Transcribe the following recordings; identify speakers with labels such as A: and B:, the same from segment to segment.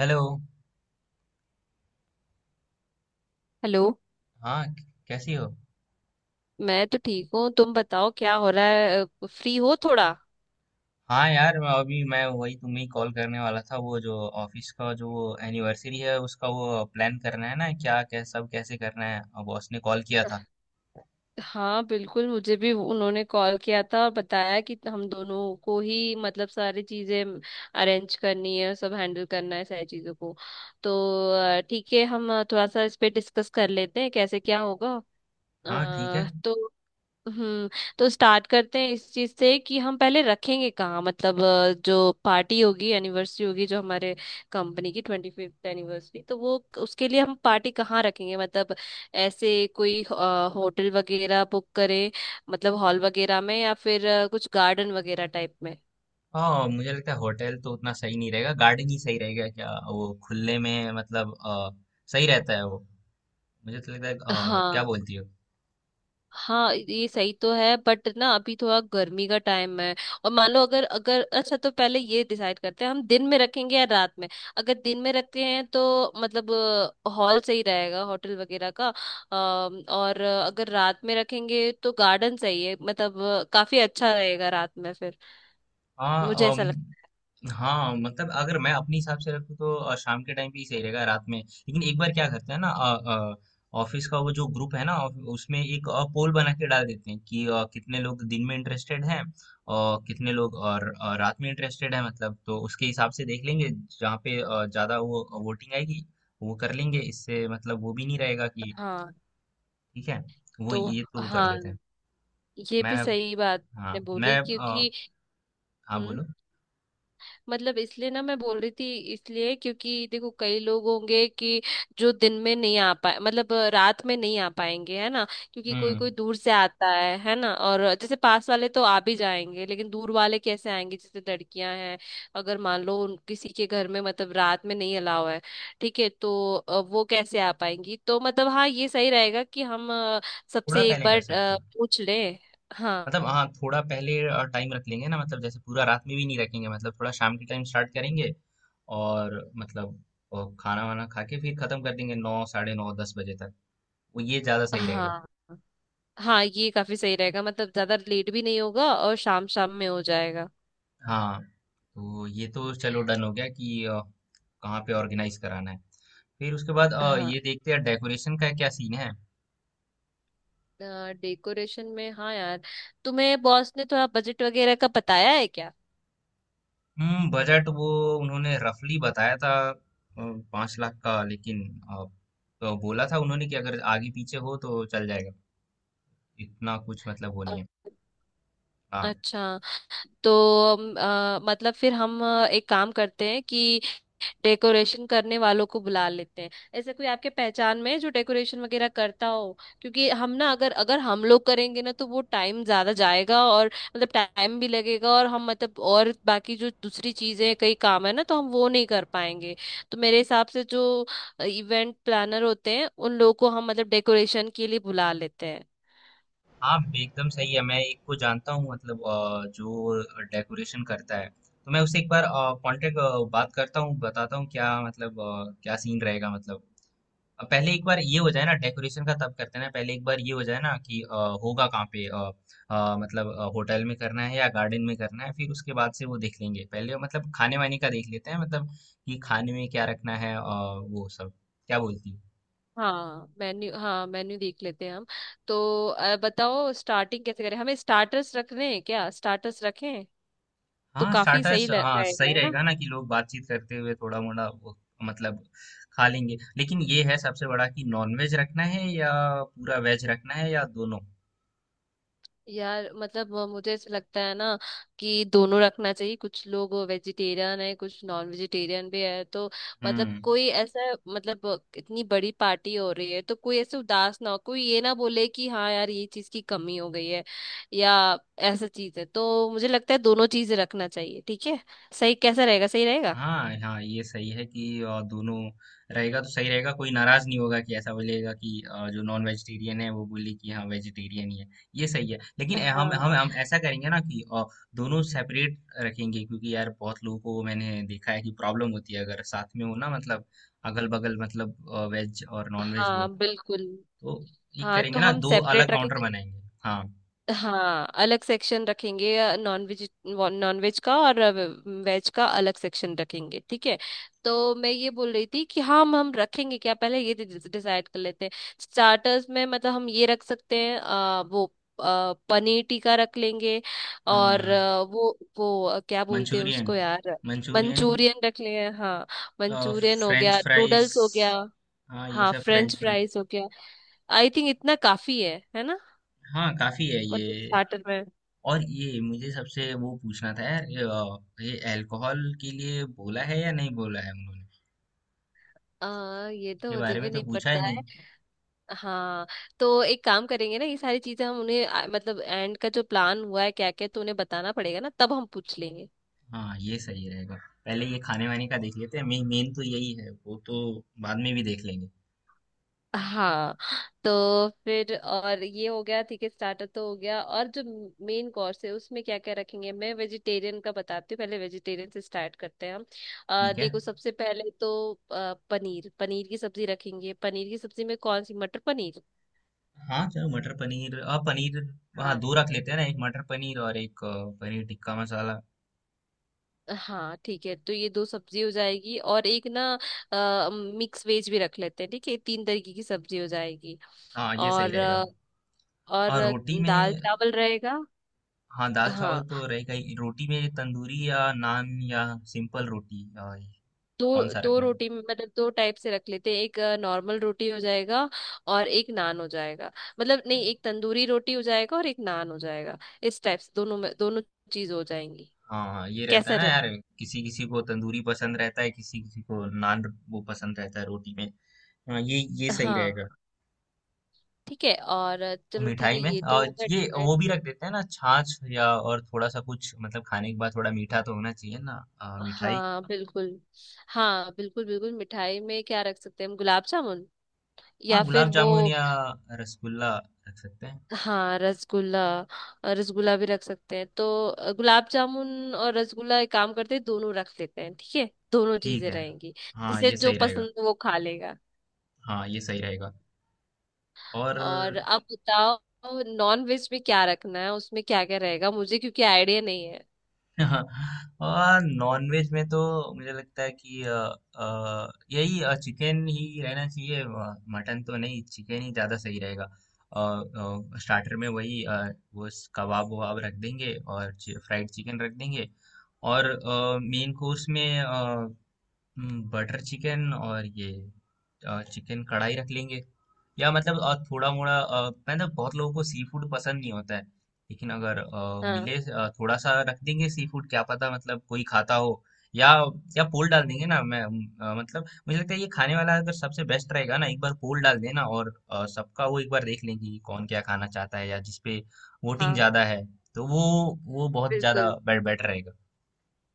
A: Hello.
B: Hello.
A: हाँ। कैसी हो?
B: मैं तो ठीक हूँ, तुम बताओ क्या हो रहा है? फ्री हो थोड़ा?
A: हाँ यार, मैं अभी मैं वही तुम्हें कॉल करने वाला था, वो जो ऑफिस का जो वो एनिवर्सरी है उसका, वो प्लान करना है ना, क्या क्या सब कैसे करना है, और बॉस ने कॉल किया था।
B: हाँ बिल्कुल, मुझे भी उन्होंने कॉल किया था और बताया कि हम दोनों को ही मतलब सारी चीजें अरेंज करनी है, सब हैंडल करना है सारी चीजों को तो ठीक है, हम थोड़ा सा इस पे डिस्कस कर लेते हैं कैसे क्या होगा।
A: हाँ, ठीक है।
B: अ, तो हम्म तो स्टार्ट करते हैं इस चीज से कि हम पहले रखेंगे कहाँ। मतलब जो पार्टी होगी, एनिवर्सरी होगी, जो हमारे कंपनी की 25th एनिवर्सरी, तो वो उसके लिए हम पार्टी कहाँ रखेंगे? मतलब ऐसे कोई होटल वगैरह बुक करें? मतलब हॉल वगैरह में या फिर कुछ गार्डन वगैरह टाइप में?
A: हाँ, मुझे लगता है होटल तो उतना सही नहीं रहेगा, गार्डन ही सही रहेगा। क्या वो खुले में मतलब सही रहता है वो। मुझे तो लगता है क्या
B: हाँ
A: बोलती हो?
B: हाँ, ये सही तो है बट ना अभी थोड़ा गर्मी का टाइम है। और मान लो, अगर अगर अच्छा, तो पहले ये डिसाइड करते हैं हम दिन में रखेंगे या रात में? अगर दिन में रखते हैं तो मतलब हॉल सही रहेगा होटल वगैरह का। और अगर रात में रखेंगे तो गार्डन सही है, मतलब काफी अच्छा रहेगा रात में फिर। मुझे
A: हाँ।
B: ऐसा लगता
A: हाँ, मतलब अगर मैं अपने हिसाब से रखूँ तो शाम के टाइम पे ही सही रहेगा, रात में। लेकिन एक बार क्या करते हैं ना, ऑफिस का वो जो ग्रुप है ना, उसमें एक पोल बना के डाल देते हैं कि कितने लोग दिन में इंटरेस्टेड हैं और कितने लोग और रात में इंटरेस्टेड हैं मतलब। तो उसके हिसाब से देख लेंगे, जहाँ पे ज्यादा वो वोटिंग आएगी वो कर लेंगे। इससे मतलब वो भी नहीं रहेगा
B: है।
A: कि।
B: हाँ
A: ठीक है। वो
B: तो
A: ये तो वो कर लेते
B: हाँ,
A: हैं।
B: ये
A: मैं।
B: भी सही बात
A: हाँ
B: आपने
A: मैं।
B: बोली क्योंकि
A: हाँ,
B: हम्म।
A: बोलो।
B: मतलब इसलिए ना मैं बोल रही थी, इसलिए क्योंकि देखो, कई लोग होंगे कि जो दिन में नहीं आ पाए, मतलब रात में नहीं आ पाएंगे, है ना। क्योंकि कोई
A: हम्म।
B: कोई दूर से आता है ना? और जैसे पास वाले तो आ भी जाएंगे लेकिन दूर वाले कैसे आएंगे? जैसे लड़कियां हैं, अगर मान लो उन किसी के घर में मतलब रात में नहीं अलाव है, ठीक है तो वो कैसे आ पाएंगी? तो मतलब हाँ, ये सही रहेगा कि हम
A: थोड़ा
B: सबसे एक
A: पहले कर
B: बार
A: सकते हैं
B: पूछ लें। हाँ,
A: मतलब। हाँ, थोड़ा पहले टाइम रख लेंगे ना, मतलब जैसे पूरा रात में भी नहीं रखेंगे, मतलब थोड़ा शाम के टाइम स्टार्ट करेंगे और मतलब खाना वाना खा के फिर खत्म कर देंगे 9 साढ़े 9 10 बजे तक। वो ये ज्यादा सही रहेगा।
B: हाँ। हाँ, ये काफी सही रहेगा, मतलब ज्यादा लेट भी नहीं होगा और शाम शाम में हो जाएगा।
A: हाँ तो ये तो चलो डन हो गया कि कहाँ पे ऑर्गेनाइज कराना है। फिर उसके बाद
B: हाँ।
A: ये देखते हैं डेकोरेशन का क्या सीन है।
B: डेकोरेशन में हाँ यार, तुम्हें बॉस ने थोड़ा बजट वगैरह का बताया है क्या?
A: हम्म। बजट वो उन्होंने रफली बताया था 5 लाख का। लेकिन अ, तो बोला था उन्होंने कि अगर आगे पीछे हो तो चल जाएगा, इतना कुछ मतलब वो नहीं
B: अ-
A: है। हाँ,
B: अच्छा। तो मतलब फिर हम एक काम करते हैं कि डेकोरेशन करने वालों को बुला लेते हैं। ऐसे कोई आपके पहचान में है जो डेकोरेशन वगैरह करता हो? क्योंकि हम ना, अगर अगर हम लोग करेंगे ना तो वो टाइम ज्यादा जाएगा और मतलब टाइम भी लगेगा, और हम मतलब, और बाकी जो दूसरी चीजें कई काम है ना, तो हम वो नहीं कर पाएंगे। तो मेरे हिसाब से जो इवेंट प्लानर होते हैं उन लोगों को हम मतलब डेकोरेशन के लिए बुला लेते हैं।
A: हाँ, एकदम सही है। मैं एक को जानता हूँ मतलब जो डेकोरेशन करता है। तो मैं उससे एक बार कांटेक्ट, बात करता हूँ, बताता हूँ क्या मतलब क्या सीन रहेगा मतलब। अब पहले एक बार ये हो जाए ना डेकोरेशन का, तब करते हैं ना। पहले एक बार ये हो जाए ना कि होगा कहाँ पे। मतलब होटल में करना है या गार्डन में करना है, फिर उसके बाद से वो देख लेंगे। पहले मतलब खाने वाने का देख लेते हैं मतलब, कि खाने में क्या रखना है वो सब। क्या बोलती हो?
B: हाँ मेन्यू, हाँ मेन्यू देख लेते हैं हम। तो बताओ, स्टार्टिंग कैसे करें? हमें स्टार्टर्स रखने हैं क्या? स्टार्टर्स रखें। तो
A: हाँ,
B: काफी
A: स्टार्टर्स,
B: सही
A: हाँ
B: रहेगा,
A: सही
B: है ना।
A: रहेगा ना, कि लोग बातचीत करते हुए थोड़ा मोड़ा वो, मतलब खा लेंगे। लेकिन ये है सबसे बड़ा, कि नॉन वेज रखना है या पूरा वेज रखना है या दोनों।
B: यार मतलब मुझे ऐसा लगता है ना कि दोनों रखना चाहिए, कुछ लोग वेजिटेरियन है, कुछ नॉन वेजिटेरियन भी है तो। मतलब
A: हम्म।
B: कोई ऐसा, मतलब इतनी बड़ी पार्टी हो रही है तो कोई ऐसे उदास ना हो, कोई ये ना बोले कि हाँ यार ये चीज की कमी हो गई है या ऐसा चीज है। तो मुझे लगता है दोनों चीजें रखना चाहिए, ठीक है। सही, कैसा रहेगा? सही रहेगा।
A: हाँ, हाँ, ये सही है कि दोनों रहेगा तो सही रहेगा। कोई नाराज नहीं होगा कि ऐसा बोलेगा कि जो नॉन वेजिटेरियन है वो बोले कि हाँ वेजिटेरियन ही है। ये सही है, लेकिन हम हम
B: हाँ
A: हम ऐसा करेंगे ना कि दोनों सेपरेट रखेंगे, क्योंकि यार बहुत लोगों को मैंने देखा है कि प्रॉब्लम होती है अगर साथ में हो ना मतलब, अगल बगल मतलब, वेज और नॉन वेज हो तो।
B: हाँ बिल्कुल।
A: तो एक
B: हाँ तो
A: करेंगे ना,
B: हम
A: दो अलग
B: सेपरेट रखें,
A: काउंटर बनाएंगे। हाँ।
B: हाँ अलग सेक्शन रखेंगे। नॉन वेज, नॉन वेज का और वेज का अलग सेक्शन रखेंगे, ठीक है। तो मैं ये बोल रही थी कि हाँ, हम रखेंगे क्या पहले ये डिसाइड कर लेते हैं। स्टार्टर्स में मतलब हम ये रख सकते हैं वो, पनीर टिक्का रख लेंगे। और
A: हाँ,
B: वो क्या बोलते हैं
A: मंचूरियन,
B: उसको यार?
A: मंचूरियन,
B: मंचूरियन रख लेंगे हाँ। मंचूरियन हो
A: फ्रेंच
B: गया,
A: फ्राइज।
B: नूडल्स हो गया।
A: हाँ, ये
B: हाँ,
A: सब
B: फ्रेंच
A: फ्रेंच, फ्रेंच।
B: फ्राइज हो गया। आई थिंक इतना काफी है ना।
A: हाँ, काफी है
B: मतलब
A: ये।
B: स्टार्टर में।
A: और ये मुझे सबसे वो पूछना था यार, ये अल्कोहल के लिए बोला है या नहीं बोला है उन्होंने।
B: ये तो
A: इसके
B: मुझे
A: बारे में
B: भी
A: तो
B: नहीं
A: पूछा ही
B: पता है।
A: नहीं।
B: हाँ तो एक काम करेंगे ना, ये सारी चीजें हम उन्हें मतलब एंड का जो प्लान हुआ है क्या क्या, तो उन्हें बताना पड़ेगा ना, तब हम पूछ लेंगे।
A: हाँ, ये सही रहेगा। पहले ये खाने वाने का देख लेते हैं, मेन मेन तो यही है, वो तो बाद में भी देख लेंगे।
B: हाँ तो फिर, और ये हो गया ठीक है, स्टार्टर तो हो गया। और जो मेन कोर्स है उसमें क्या क्या रखेंगे? मैं वेजिटेरियन का बताती हूँ, पहले वेजिटेरियन से स्टार्ट करते हैं हम।
A: ठीक है।
B: देखो, सबसे पहले तो पनीर पनीर की सब्जी रखेंगे। पनीर की सब्जी में कौन सी? मटर पनीर।
A: हाँ चलो, मटर पनीर। हाँ, पनीर। हाँ, दो रख लेते हैं ना, एक मटर पनीर और एक पनीर टिक्का मसाला।
B: हाँ ठीक है, तो ये दो सब्जी हो जाएगी और एक ना मिक्स वेज भी रख लेते हैं, ठीक है। तीन तरीके की सब्जी हो जाएगी।
A: हाँ, ये सही
B: और अ,
A: रहेगा। और
B: और
A: रोटी
B: दाल
A: में?
B: चावल रहेगा।
A: हाँ, दाल-चावल
B: हाँ,
A: तो रहेगा ही। रोटी में तंदूरी या नान या सिंपल रोटी,
B: दो
A: कौन-सा
B: दो
A: रखना है?
B: रोटी, मतलब दो टाइप से रख लेते हैं। एक नॉर्मल रोटी हो जाएगा और एक नान हो जाएगा। मतलब नहीं, एक तंदूरी रोटी हो जाएगा और एक नान हो जाएगा। इस टाइप से दोनों में दोनों चीज हो जाएंगी।
A: हाँ, हाँ, ये रहता
B: कैसा
A: है ना
B: रहता?
A: यार, किसी-किसी को तंदूरी पसंद रहता है, किसी-किसी को नान वो पसंद रहता है रोटी में। हाँ, ये सही रहेगा।
B: हाँ ठीक है। और चलो ठीक
A: मिठाई
B: है,
A: में
B: ये तो हो
A: ये
B: गया।
A: वो भी रख देते हैं ना, छाछ या, और थोड़ा-सा कुछ मतलब खाने के बाद थोड़ा मीठा तो होना चाहिए ना। मिठाई।
B: हाँ बिल्कुल। हाँ बिल्कुल बिल्कुल, मिठाई में क्या रख सकते हैं हम? गुलाब जामुन
A: हाँ,
B: या फिर
A: गुलाब
B: वो,
A: जामुन या रसगुल्ला रख सकते हैं।
B: हाँ रसगुल्ला। रसगुल्ला भी रख सकते हैं, तो गुलाब जामुन और रसगुल्ला, एक काम करते हैं दोनों रख लेते हैं ठीक है। दोनों
A: ठीक
B: चीजें
A: है।
B: रहेंगी,
A: हाँ,
B: जिसे
A: ये
B: जो
A: सही रहेगा।
B: पसंद हो वो खा लेगा।
A: हाँ, ये सही रहेगा। और
B: और आप बताओ, नॉन वेज में क्या रखना है? उसमें क्या क्या रहेगा, मुझे क्योंकि आइडिया नहीं है।
A: हाँ, और नॉनवेज में तो मुझे लगता है कि यही चिकन ही रहना चाहिए। मटन तो नहीं, चिकन ही ज़्यादा सही रहेगा। और स्टार्टर में वही वो कबाब वबाब रख देंगे और फ्राइड चिकन रख देंगे। और मेन कोर्स में बटर चिकन और ये चिकन कढ़ाई रख लेंगे। या मतलब थोड़ा-मोड़ा मतलब बहुत लोगों को सी फूड पसंद नहीं होता है। लेकिन अगर
B: हाँ
A: मिले थोड़ा-सा रख देंगे सी फूड, क्या पता मतलब कोई खाता हो, या या पोल डाल देंगे ना। मैं मतलब मुझे लगता है ये खाने वाला अगर सबसे बेस्ट रहेगा ना, एक बार पोल डाल देना और सबका वो एक बार देख लेंगे कि कौन क्या खाना चाहता है, या जिसपे वोटिंग
B: हाँ
A: ज़्यादा है, तो वो बहुत ज़्यादा
B: बिल्कुल।
A: बे बेटर रहेगा।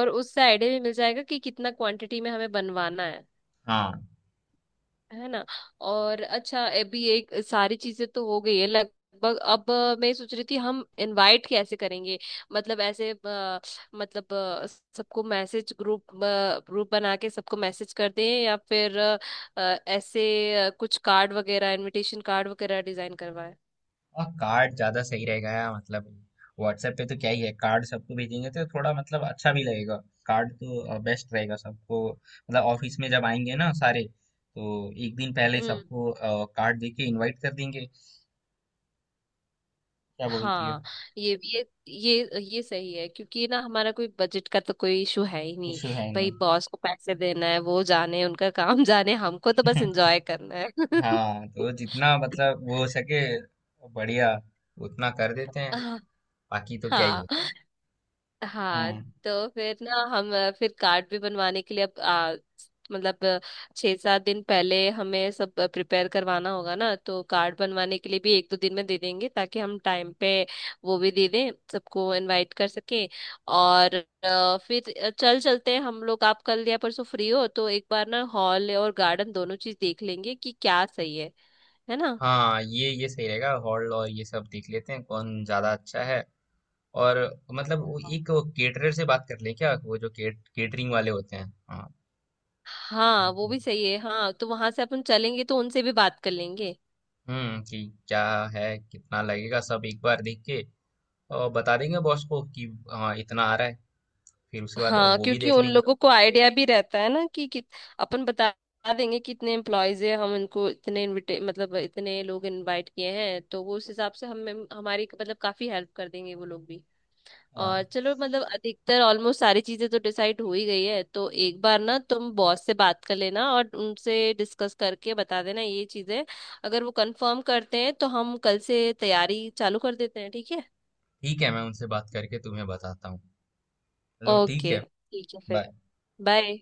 B: और उससे आइडिया भी मिल जाएगा कि कितना क्वांटिटी में हमें बनवाना है
A: हाँ।
B: है ना। और अच्छा, अभी एक सारी चीजें तो हो गई है लगभग। अब मैं सोच रही थी हम इनवाइट कैसे करेंगे? मतलब ऐसे मतलब अ, सबको मैसेज, ग्रुप ग्रुप बना के सबको मैसेज करते हैं या फिर अ, ऐसे कुछ कार्ड वगैरह, इनविटेशन कार्ड वगैरह डिजाइन करवाए?
A: और कार्ड ज्यादा सही रहेगा यार मतलब, व्हाट्सएप पे तो क्या ही है। कार्ड सबको भेजेंगे तो थोड़ा मतलब अच्छा भी लगेगा। कार्ड तो बेस्ट रहेगा सबको मतलब, ऑफिस में जब आएंगे ना सारे, तो एक दिन पहले
B: हम्म।
A: सबको कार्ड दे के इनवाइट कर देंगे। क्या बोलती है?
B: हाँ, ये सही है, क्योंकि ना हमारा कोई बजट का तो कोई इशू है ही नहीं।
A: इशू है नहीं।
B: भाई बॉस को पैसे देना है वो जाने उनका काम जाने, हमको तो बस एंजॉय करना है।
A: हाँ तो जितना मतलब वो हो सके बढ़िया उतना कर देते हैं। बाकी तो क्या ही
B: हाँ।
A: है।
B: हाँ
A: हम्म।
B: तो फिर ना हम फिर कार्ड भी बनवाने के लिए अब मतलब 6-7 दिन पहले हमें सब प्रिपेयर करवाना होगा ना, तो कार्ड बनवाने के लिए भी 1-2 दिन में दे देंगे ताकि हम टाइम पे वो भी दे दें, सबको इनवाइट कर सके। और फिर चल चलते हैं हम लोग, आप कल या परसों फ्री हो तो एक बार ना हॉल और गार्डन दोनों चीज देख लेंगे कि क्या सही है ना।
A: हाँ, ये सही रहेगा। हॉल और ये सब देख लेते हैं, कौन ज्यादा अच्छा है। और मतलब वो
B: हाँ।
A: एक केटरर से बात कर ले क्या, वो जो केटरिंग वाले होते हैं। हाँ।
B: हाँ वो भी सही है। हाँ तो वहां से अपन चलेंगे तो उनसे भी बात कर लेंगे।
A: हम्म, कि क्या है, कितना लगेगा सब एक बार देख के, और बता देंगे बॉस को कि हाँ इतना आ रहा है, फिर उसके बाद
B: हाँ
A: वो भी
B: क्योंकि
A: देख
B: उन
A: लेंगे।
B: लोगों को आइडिया भी रहता है ना कि अपन बता देंगे कि इतने एम्प्लॉयज है, हम इनको इतने इनविटे मतलब इतने लोग इनवाइट किए हैं, तो वो उस हिसाब से हमें, हमारी मतलब काफी हेल्प कर देंगे वो लोग भी।
A: हाँ,
B: और चलो मतलब अधिकतर ऑलमोस्ट सारी चीजें तो डिसाइड हो ही गई है। तो एक बार ना तुम बॉस से बात कर लेना और उनसे डिस्कस करके बता देना ये चीजें, अगर वो कंफर्म करते हैं तो हम कल से तैयारी चालू कर देते हैं ठीक है।
A: ठीक है, मैं उनसे बात करके तुम्हें बताता हूँ। चलो ठीक
B: ओके
A: है।
B: ठीक है फिर,
A: बाय।
B: बाय।